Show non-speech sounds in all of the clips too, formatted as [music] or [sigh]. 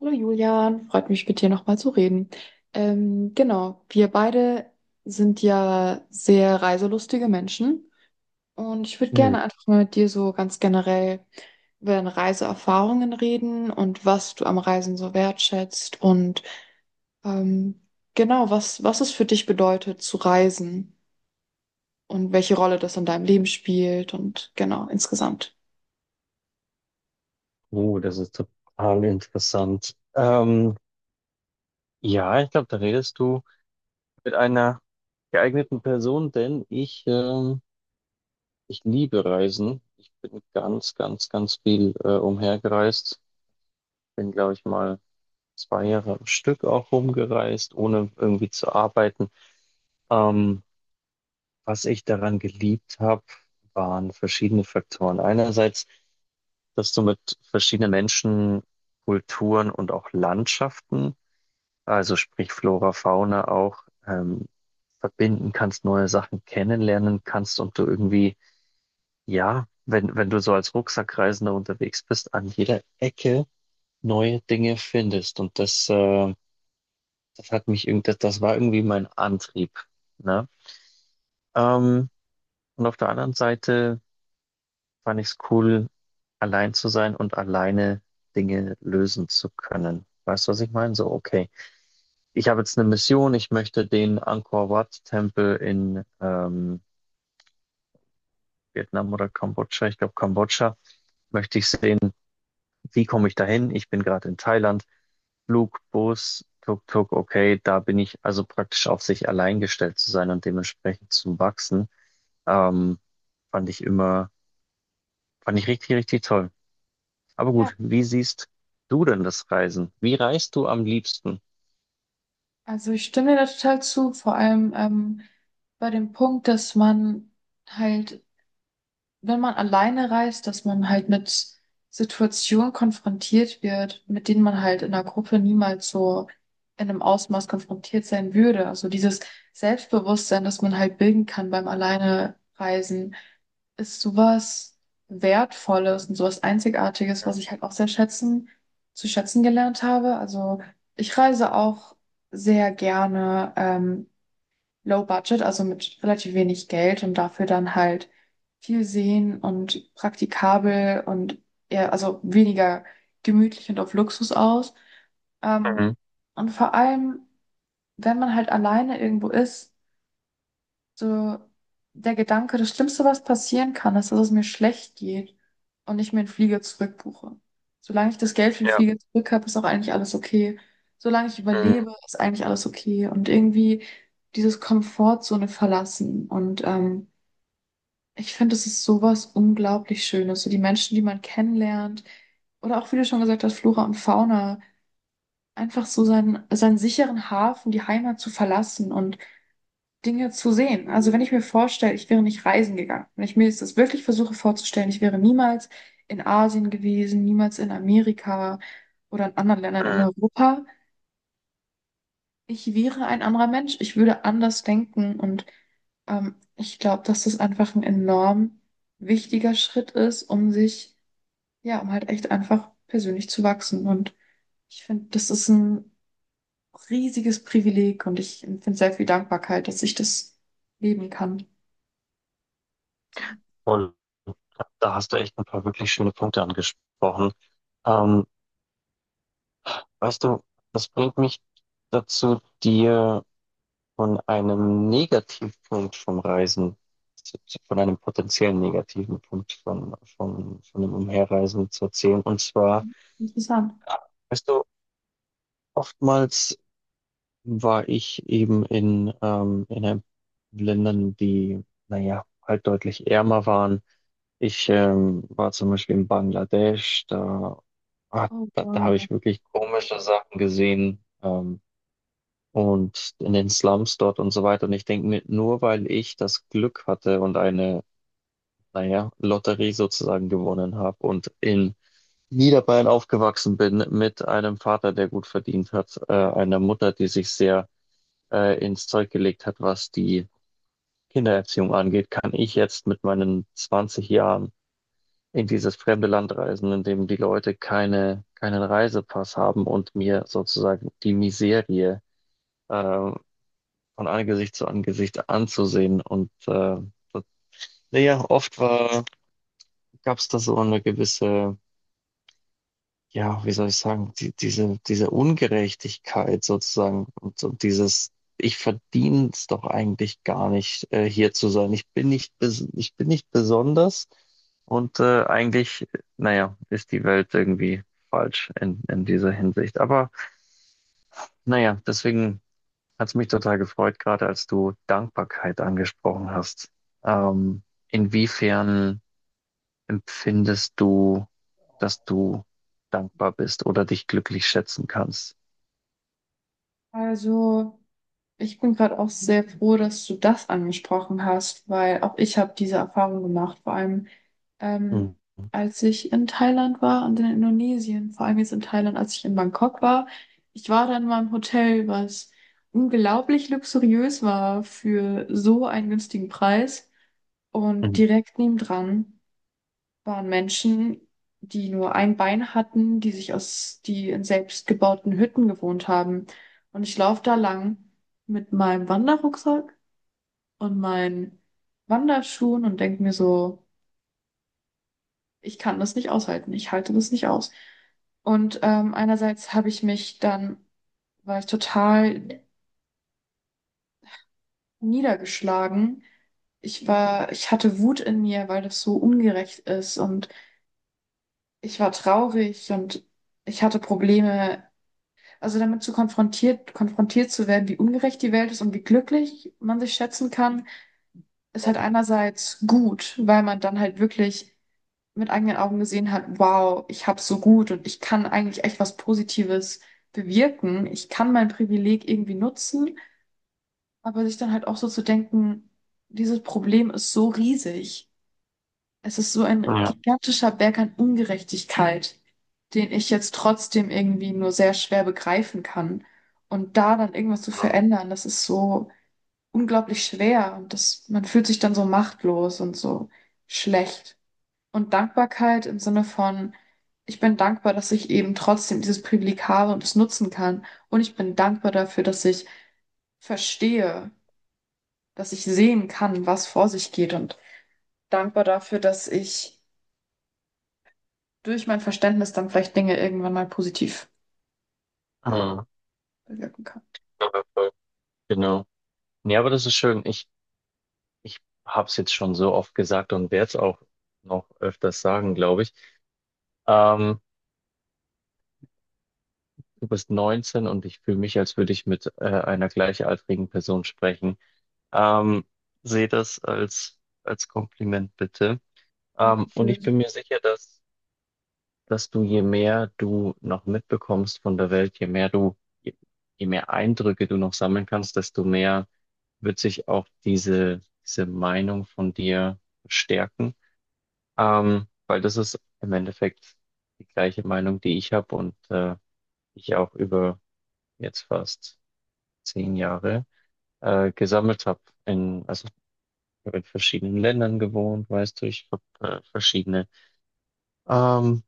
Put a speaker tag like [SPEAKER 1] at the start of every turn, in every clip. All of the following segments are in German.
[SPEAKER 1] Hallo Julian, freut mich mit dir nochmal zu reden. Genau, wir beide sind ja sehr reiselustige Menschen und ich würde
[SPEAKER 2] Hm.
[SPEAKER 1] gerne einfach mal mit dir so ganz generell über deine Reiseerfahrungen reden und was du am Reisen so wertschätzt und ähm, genau, was es für dich bedeutet zu reisen und welche Rolle das in deinem Leben spielt und genau, insgesamt.
[SPEAKER 2] Oh, das ist total interessant. Ja, ich glaube, da redest du mit einer geeigneten Person, denn ich, ich liebe Reisen. Ich bin ganz, ganz, ganz viel umhergereist. Bin, glaube ich, mal 2 Jahre am Stück auch rumgereist, ohne irgendwie zu arbeiten. Ähm, Was ich daran geliebt habe, waren verschiedene Faktoren. Einerseits, dass du mit verschiedenen Menschen, Kulturen und auch Landschaften, also sprich Flora, Fauna, auch verbinden kannst, neue Sachen kennenlernen kannst und du irgendwie, ja, wenn du so als Rucksackreisender unterwegs bist, an jeder Ecke neue Dinge findest. Das das war irgendwie mein Antrieb, ne? Ähm, und auf der anderen Seite fand ich es cool, allein zu sein und alleine Dinge lösen zu können. Weißt du, was ich meine? So, okay, ich habe jetzt eine Mission, ich möchte den Angkor Wat-Tempel in Vietnam oder Kambodscha, ich glaube Kambodscha, möchte ich sehen. Wie komme ich dahin? Ich bin gerade in Thailand. Flug, Bus, Tuk-Tuk, okay, da bin ich also praktisch auf sich allein gestellt zu sein und dementsprechend zu wachsen, ähm, fand ich immer, fand ich richtig, richtig toll. Aber
[SPEAKER 1] Ja,
[SPEAKER 2] gut, wie siehst du denn das Reisen? Wie reist du am liebsten?
[SPEAKER 1] also ich stimme dir da total zu, vor allem bei dem Punkt, dass man halt, wenn man alleine reist, dass man halt mit Situationen konfrontiert wird, mit denen man halt in einer Gruppe niemals so in einem Ausmaß konfrontiert sein würde. Also dieses Selbstbewusstsein, das man halt bilden kann beim alleine Reisen, ist sowas Wertvolles und sowas Einzigartiges, was ich halt auch zu schätzen gelernt habe. Also ich reise auch sehr gerne. Low Budget, also mit relativ wenig Geld und dafür dann halt viel sehen und praktikabel und eher, also weniger gemütlich und auf Luxus aus. Ähm,
[SPEAKER 2] Mhm.
[SPEAKER 1] und vor allem, wenn man halt alleine irgendwo ist, so der Gedanke, das Schlimmste, was passieren kann, ist, dass es mir schlecht geht und ich mir einen Flieger zurückbuche. Solange ich das Geld für den
[SPEAKER 2] Ja.
[SPEAKER 1] Flieger zurück habe, ist auch eigentlich alles okay. Solange ich
[SPEAKER 2] Mhm.
[SPEAKER 1] überlebe, ist eigentlich alles okay. Und irgendwie dieses Komfortzone verlassen. Und ich finde, es ist sowas unglaublich Schönes. So die Menschen, die man kennenlernt, oder auch, wie du schon gesagt hast, Flora und Fauna, einfach so seinen sicheren Hafen, die Heimat zu verlassen und Dinge zu sehen. Also wenn ich mir vorstelle, ich wäre nicht reisen gegangen, wenn ich mir jetzt das wirklich versuche vorzustellen, ich wäre niemals in Asien gewesen, niemals in Amerika oder in anderen Ländern in
[SPEAKER 2] Mhm.
[SPEAKER 1] Europa, ich wäre ein anderer Mensch, ich würde anders denken und ich glaube, dass das einfach ein enorm wichtiger Schritt ist, um sich, ja, um halt echt einfach persönlich zu wachsen. Und ich finde, das ist ein riesiges Privileg und ich empfinde sehr viel Dankbarkeit, dass ich das leben kann. So.
[SPEAKER 2] Und da hast du echt ein paar wirklich schöne Punkte angesprochen. Ähm, Weißt du, das bringt mich dazu, dir von einem Negativpunkt vom Reisen, von einem potenziellen negativen Punkt von dem Umherreisen zu erzählen. Und zwar,
[SPEAKER 1] Interessant.
[SPEAKER 2] weißt du, oftmals war ich eben in Ländern, die, naja, halt deutlich ärmer waren. Ich war zum Beispiel in Bangladesch, da, ah,
[SPEAKER 1] Oh,
[SPEAKER 2] da habe
[SPEAKER 1] wow.
[SPEAKER 2] ich wirklich komische Sachen gesehen, und in den Slums dort und so weiter. Und ich denke mir, nur weil ich das Glück hatte und eine, naja, Lotterie sozusagen gewonnen habe und in Niederbayern aufgewachsen bin mit einem Vater, der gut verdient hat, einer Mutter, die sich sehr ins Zeug gelegt hat, was die Kindererziehung angeht, kann ich jetzt mit meinen 20 Jahren in dieses fremde Land reisen, in dem die Leute keinen Reisepass haben und mir sozusagen die Miserie ähm, von Angesicht zu Angesicht anzusehen. Und das, naja, gab es da so eine gewisse, ja, wie soll ich sagen, diese Ungerechtigkeit sozusagen und dieses, ich verdiene es doch eigentlich gar nicht, hier zu sein. Ich bin nicht, bes- ich bin nicht besonders, und eigentlich, naja, ist die Welt irgendwie falsch in dieser Hinsicht. Aber naja, deswegen hat es mich total gefreut, gerade als du Dankbarkeit angesprochen hast. Ähm, Inwiefern empfindest du, dass du dankbar bist oder dich glücklich schätzen kannst?
[SPEAKER 1] Also, ich bin gerade auch sehr froh, dass du das angesprochen hast, weil auch ich habe diese Erfahrung gemacht, vor allem ähm,
[SPEAKER 2] Mhm.
[SPEAKER 1] als ich in Thailand war und in Indonesien, vor allem jetzt in Thailand, als ich in Bangkok war. Ich war dann in meinem Hotel, was unglaublich luxuriös war für so einen günstigen Preis und
[SPEAKER 2] Mhm.
[SPEAKER 1] direkt nebendran waren Menschen, die nur ein Bein hatten, die in selbstgebauten Hütten gewohnt haben. Und ich laufe da lang mit meinem Wanderrucksack und meinen Wanderschuhen und denke mir so, ich kann das nicht aushalten, ich halte das nicht aus. Und einerseits habe ich mich dann, war ich total niedergeschlagen. Ich hatte Wut in mir, weil das so ungerecht ist und ich war traurig und ich hatte Probleme. Also damit konfrontiert zu werden, wie ungerecht die Welt ist und wie glücklich man sich schätzen kann, ist halt einerseits gut, weil man dann halt wirklich mit eigenen Augen gesehen hat, wow, ich hab's so gut und ich kann eigentlich echt was Positives bewirken. Ich kann mein Privileg irgendwie nutzen, aber sich dann halt auch so zu denken, dieses Problem ist so riesig. Es ist so ein
[SPEAKER 2] Ja.
[SPEAKER 1] gigantischer Berg an Ungerechtigkeit, den ich jetzt trotzdem irgendwie nur sehr schwer begreifen kann. Und da dann irgendwas zu verändern, das ist so unglaublich schwer und das, man fühlt sich dann so machtlos und so schlecht. Und Dankbarkeit im Sinne von, ich bin dankbar, dass ich eben trotzdem dieses Privileg habe und es nutzen kann. Und ich bin dankbar dafür, dass ich verstehe, dass ich sehen kann, was vor sich geht und dankbar dafür, dass ich durch mein Verständnis dann vielleicht Dinge irgendwann mal positiv, ja,
[SPEAKER 2] Mhm.
[SPEAKER 1] bewirken kann.
[SPEAKER 2] Ja, genau. Nee, aber das ist schön. Ich habe es jetzt schon so oft gesagt und werde es auch noch öfters sagen, glaube ich. Ähm, Du bist 19 und ich fühle mich, als würde ich mit einer gleichaltrigen Person sprechen. Ähm, Sehe das als, als Kompliment bitte. Und ich
[SPEAKER 1] Dankeschön.
[SPEAKER 2] bin mir sicher, dass du, je mehr du noch mitbekommst von der Welt, je, je mehr Eindrücke du noch sammeln kannst, desto mehr wird sich auch diese Meinung von dir stärken. Weil das ist im Endeffekt die gleiche Meinung, die ich habe und ich auch über jetzt fast 10 Jahre gesammelt habe. Also ich hab in verschiedenen Ländern gewohnt, weißt du, ich habe verschiedene ähm,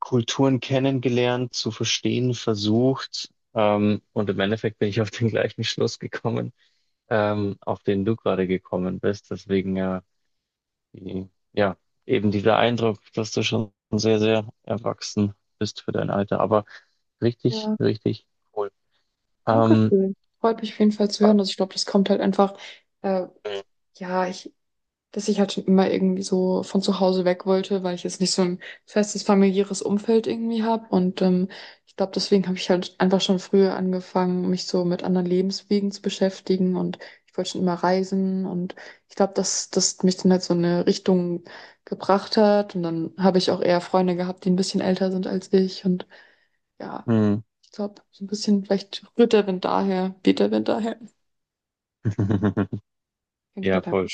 [SPEAKER 2] Kulturen kennengelernt, zu verstehen versucht. Und im Endeffekt bin ich auf den gleichen Schluss gekommen, auf den du gerade gekommen bist. Deswegen ja, die, ja, eben dieser Eindruck, dass du schon sehr, sehr erwachsen bist für dein Alter. Aber richtig,
[SPEAKER 1] Ja,
[SPEAKER 2] richtig cool.
[SPEAKER 1] danke
[SPEAKER 2] Ähm,
[SPEAKER 1] schön. Freut mich auf jeden Fall zu hören. Also ich glaube, das kommt halt einfach, äh, ja, ich dass ich halt schon immer irgendwie so von zu Hause weg wollte, weil ich jetzt nicht so ein festes familiäres Umfeld irgendwie habe. Und ich glaube, deswegen habe ich halt einfach schon früher angefangen, mich so mit anderen Lebenswegen zu beschäftigen. Und ich wollte schon immer reisen. Und ich glaube, dass das mich dann halt so in eine Richtung gebracht hat. Und dann habe ich auch eher Freunde gehabt, die ein bisschen älter sind als ich. Und ja,
[SPEAKER 2] mm,
[SPEAKER 1] ich glaube, so ein bisschen vielleicht rührt der Wind daher, weht der Wind daher. Auf
[SPEAKER 2] [laughs]
[SPEAKER 1] jeden Fall
[SPEAKER 2] Ja,
[SPEAKER 1] danke.
[SPEAKER 2] voll.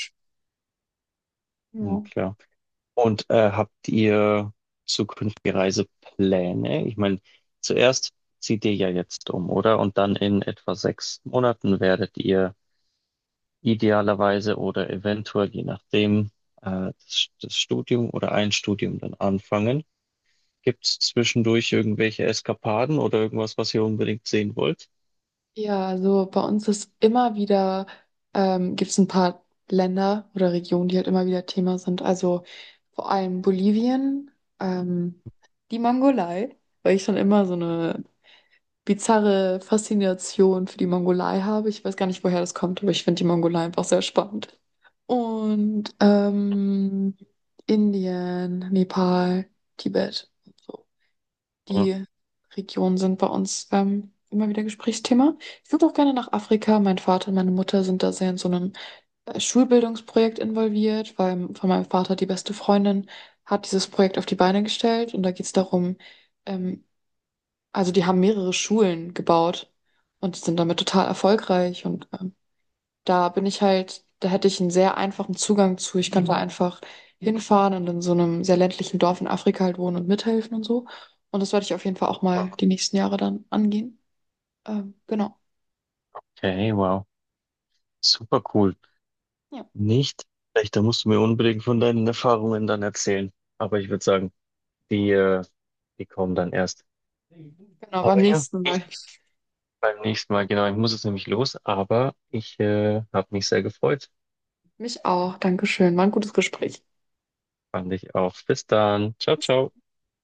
[SPEAKER 2] Mm,
[SPEAKER 1] Ja.
[SPEAKER 2] klar. Und habt ihr zukünftige Reisepläne? Ich meine, zuerst zieht ihr ja jetzt um, oder? Und dann in etwa 6 Monaten werdet ihr idealerweise oder eventuell, je nachdem, das Studium oder ein Studium dann anfangen. Gibt es zwischendurch irgendwelche Eskapaden oder irgendwas, was ihr unbedingt sehen wollt?
[SPEAKER 1] Ja, also bei uns ist immer wieder, gibt es ein paar Länder oder Regionen, die halt immer wieder Thema sind. Also vor allem Bolivien, ähm, die Mongolei, weil ich schon immer so eine bizarre Faszination für die Mongolei habe. Ich weiß gar nicht, woher das kommt, aber ich finde die Mongolei einfach sehr spannend. Und Indien, Nepal, Tibet.
[SPEAKER 2] Ja.
[SPEAKER 1] Die Regionen sind bei uns immer wieder Gesprächsthema. Ich würde auch gerne nach Afrika. Mein Vater und meine Mutter sind da sehr in so einem Schulbildungsprojekt involviert, weil von meinem Vater die beste Freundin hat dieses Projekt auf die Beine gestellt Und da geht es darum, ähm, also die haben mehrere Schulen gebaut und sind damit total erfolgreich und da bin ich halt, da hätte ich einen sehr einfachen Zugang zu. Ich kann da einfach hinfahren und in so einem sehr ländlichen Dorf in Afrika halt wohnen und mithelfen und so. Und das werde ich auf jeden Fall auch mal die nächsten Jahre dann angehen. Genau.
[SPEAKER 2] Okay, wow. Super cool.
[SPEAKER 1] Ja,
[SPEAKER 2] Nicht? Echt, da musst du mir unbedingt von deinen Erfahrungen dann erzählen. Aber ich würde sagen, die, die kommen dann erst.
[SPEAKER 1] genau, beim
[SPEAKER 2] Aber ja,
[SPEAKER 1] nächsten
[SPEAKER 2] ich,
[SPEAKER 1] Mal.
[SPEAKER 2] beim nächsten Mal, genau. Ich muss jetzt nämlich los, aber ich habe mich sehr gefreut.
[SPEAKER 1] Mich auch. Dankeschön. War ein gutes Gespräch.
[SPEAKER 2] Fand ich auch. Bis dann. Ciao,
[SPEAKER 1] Bis
[SPEAKER 2] ciao.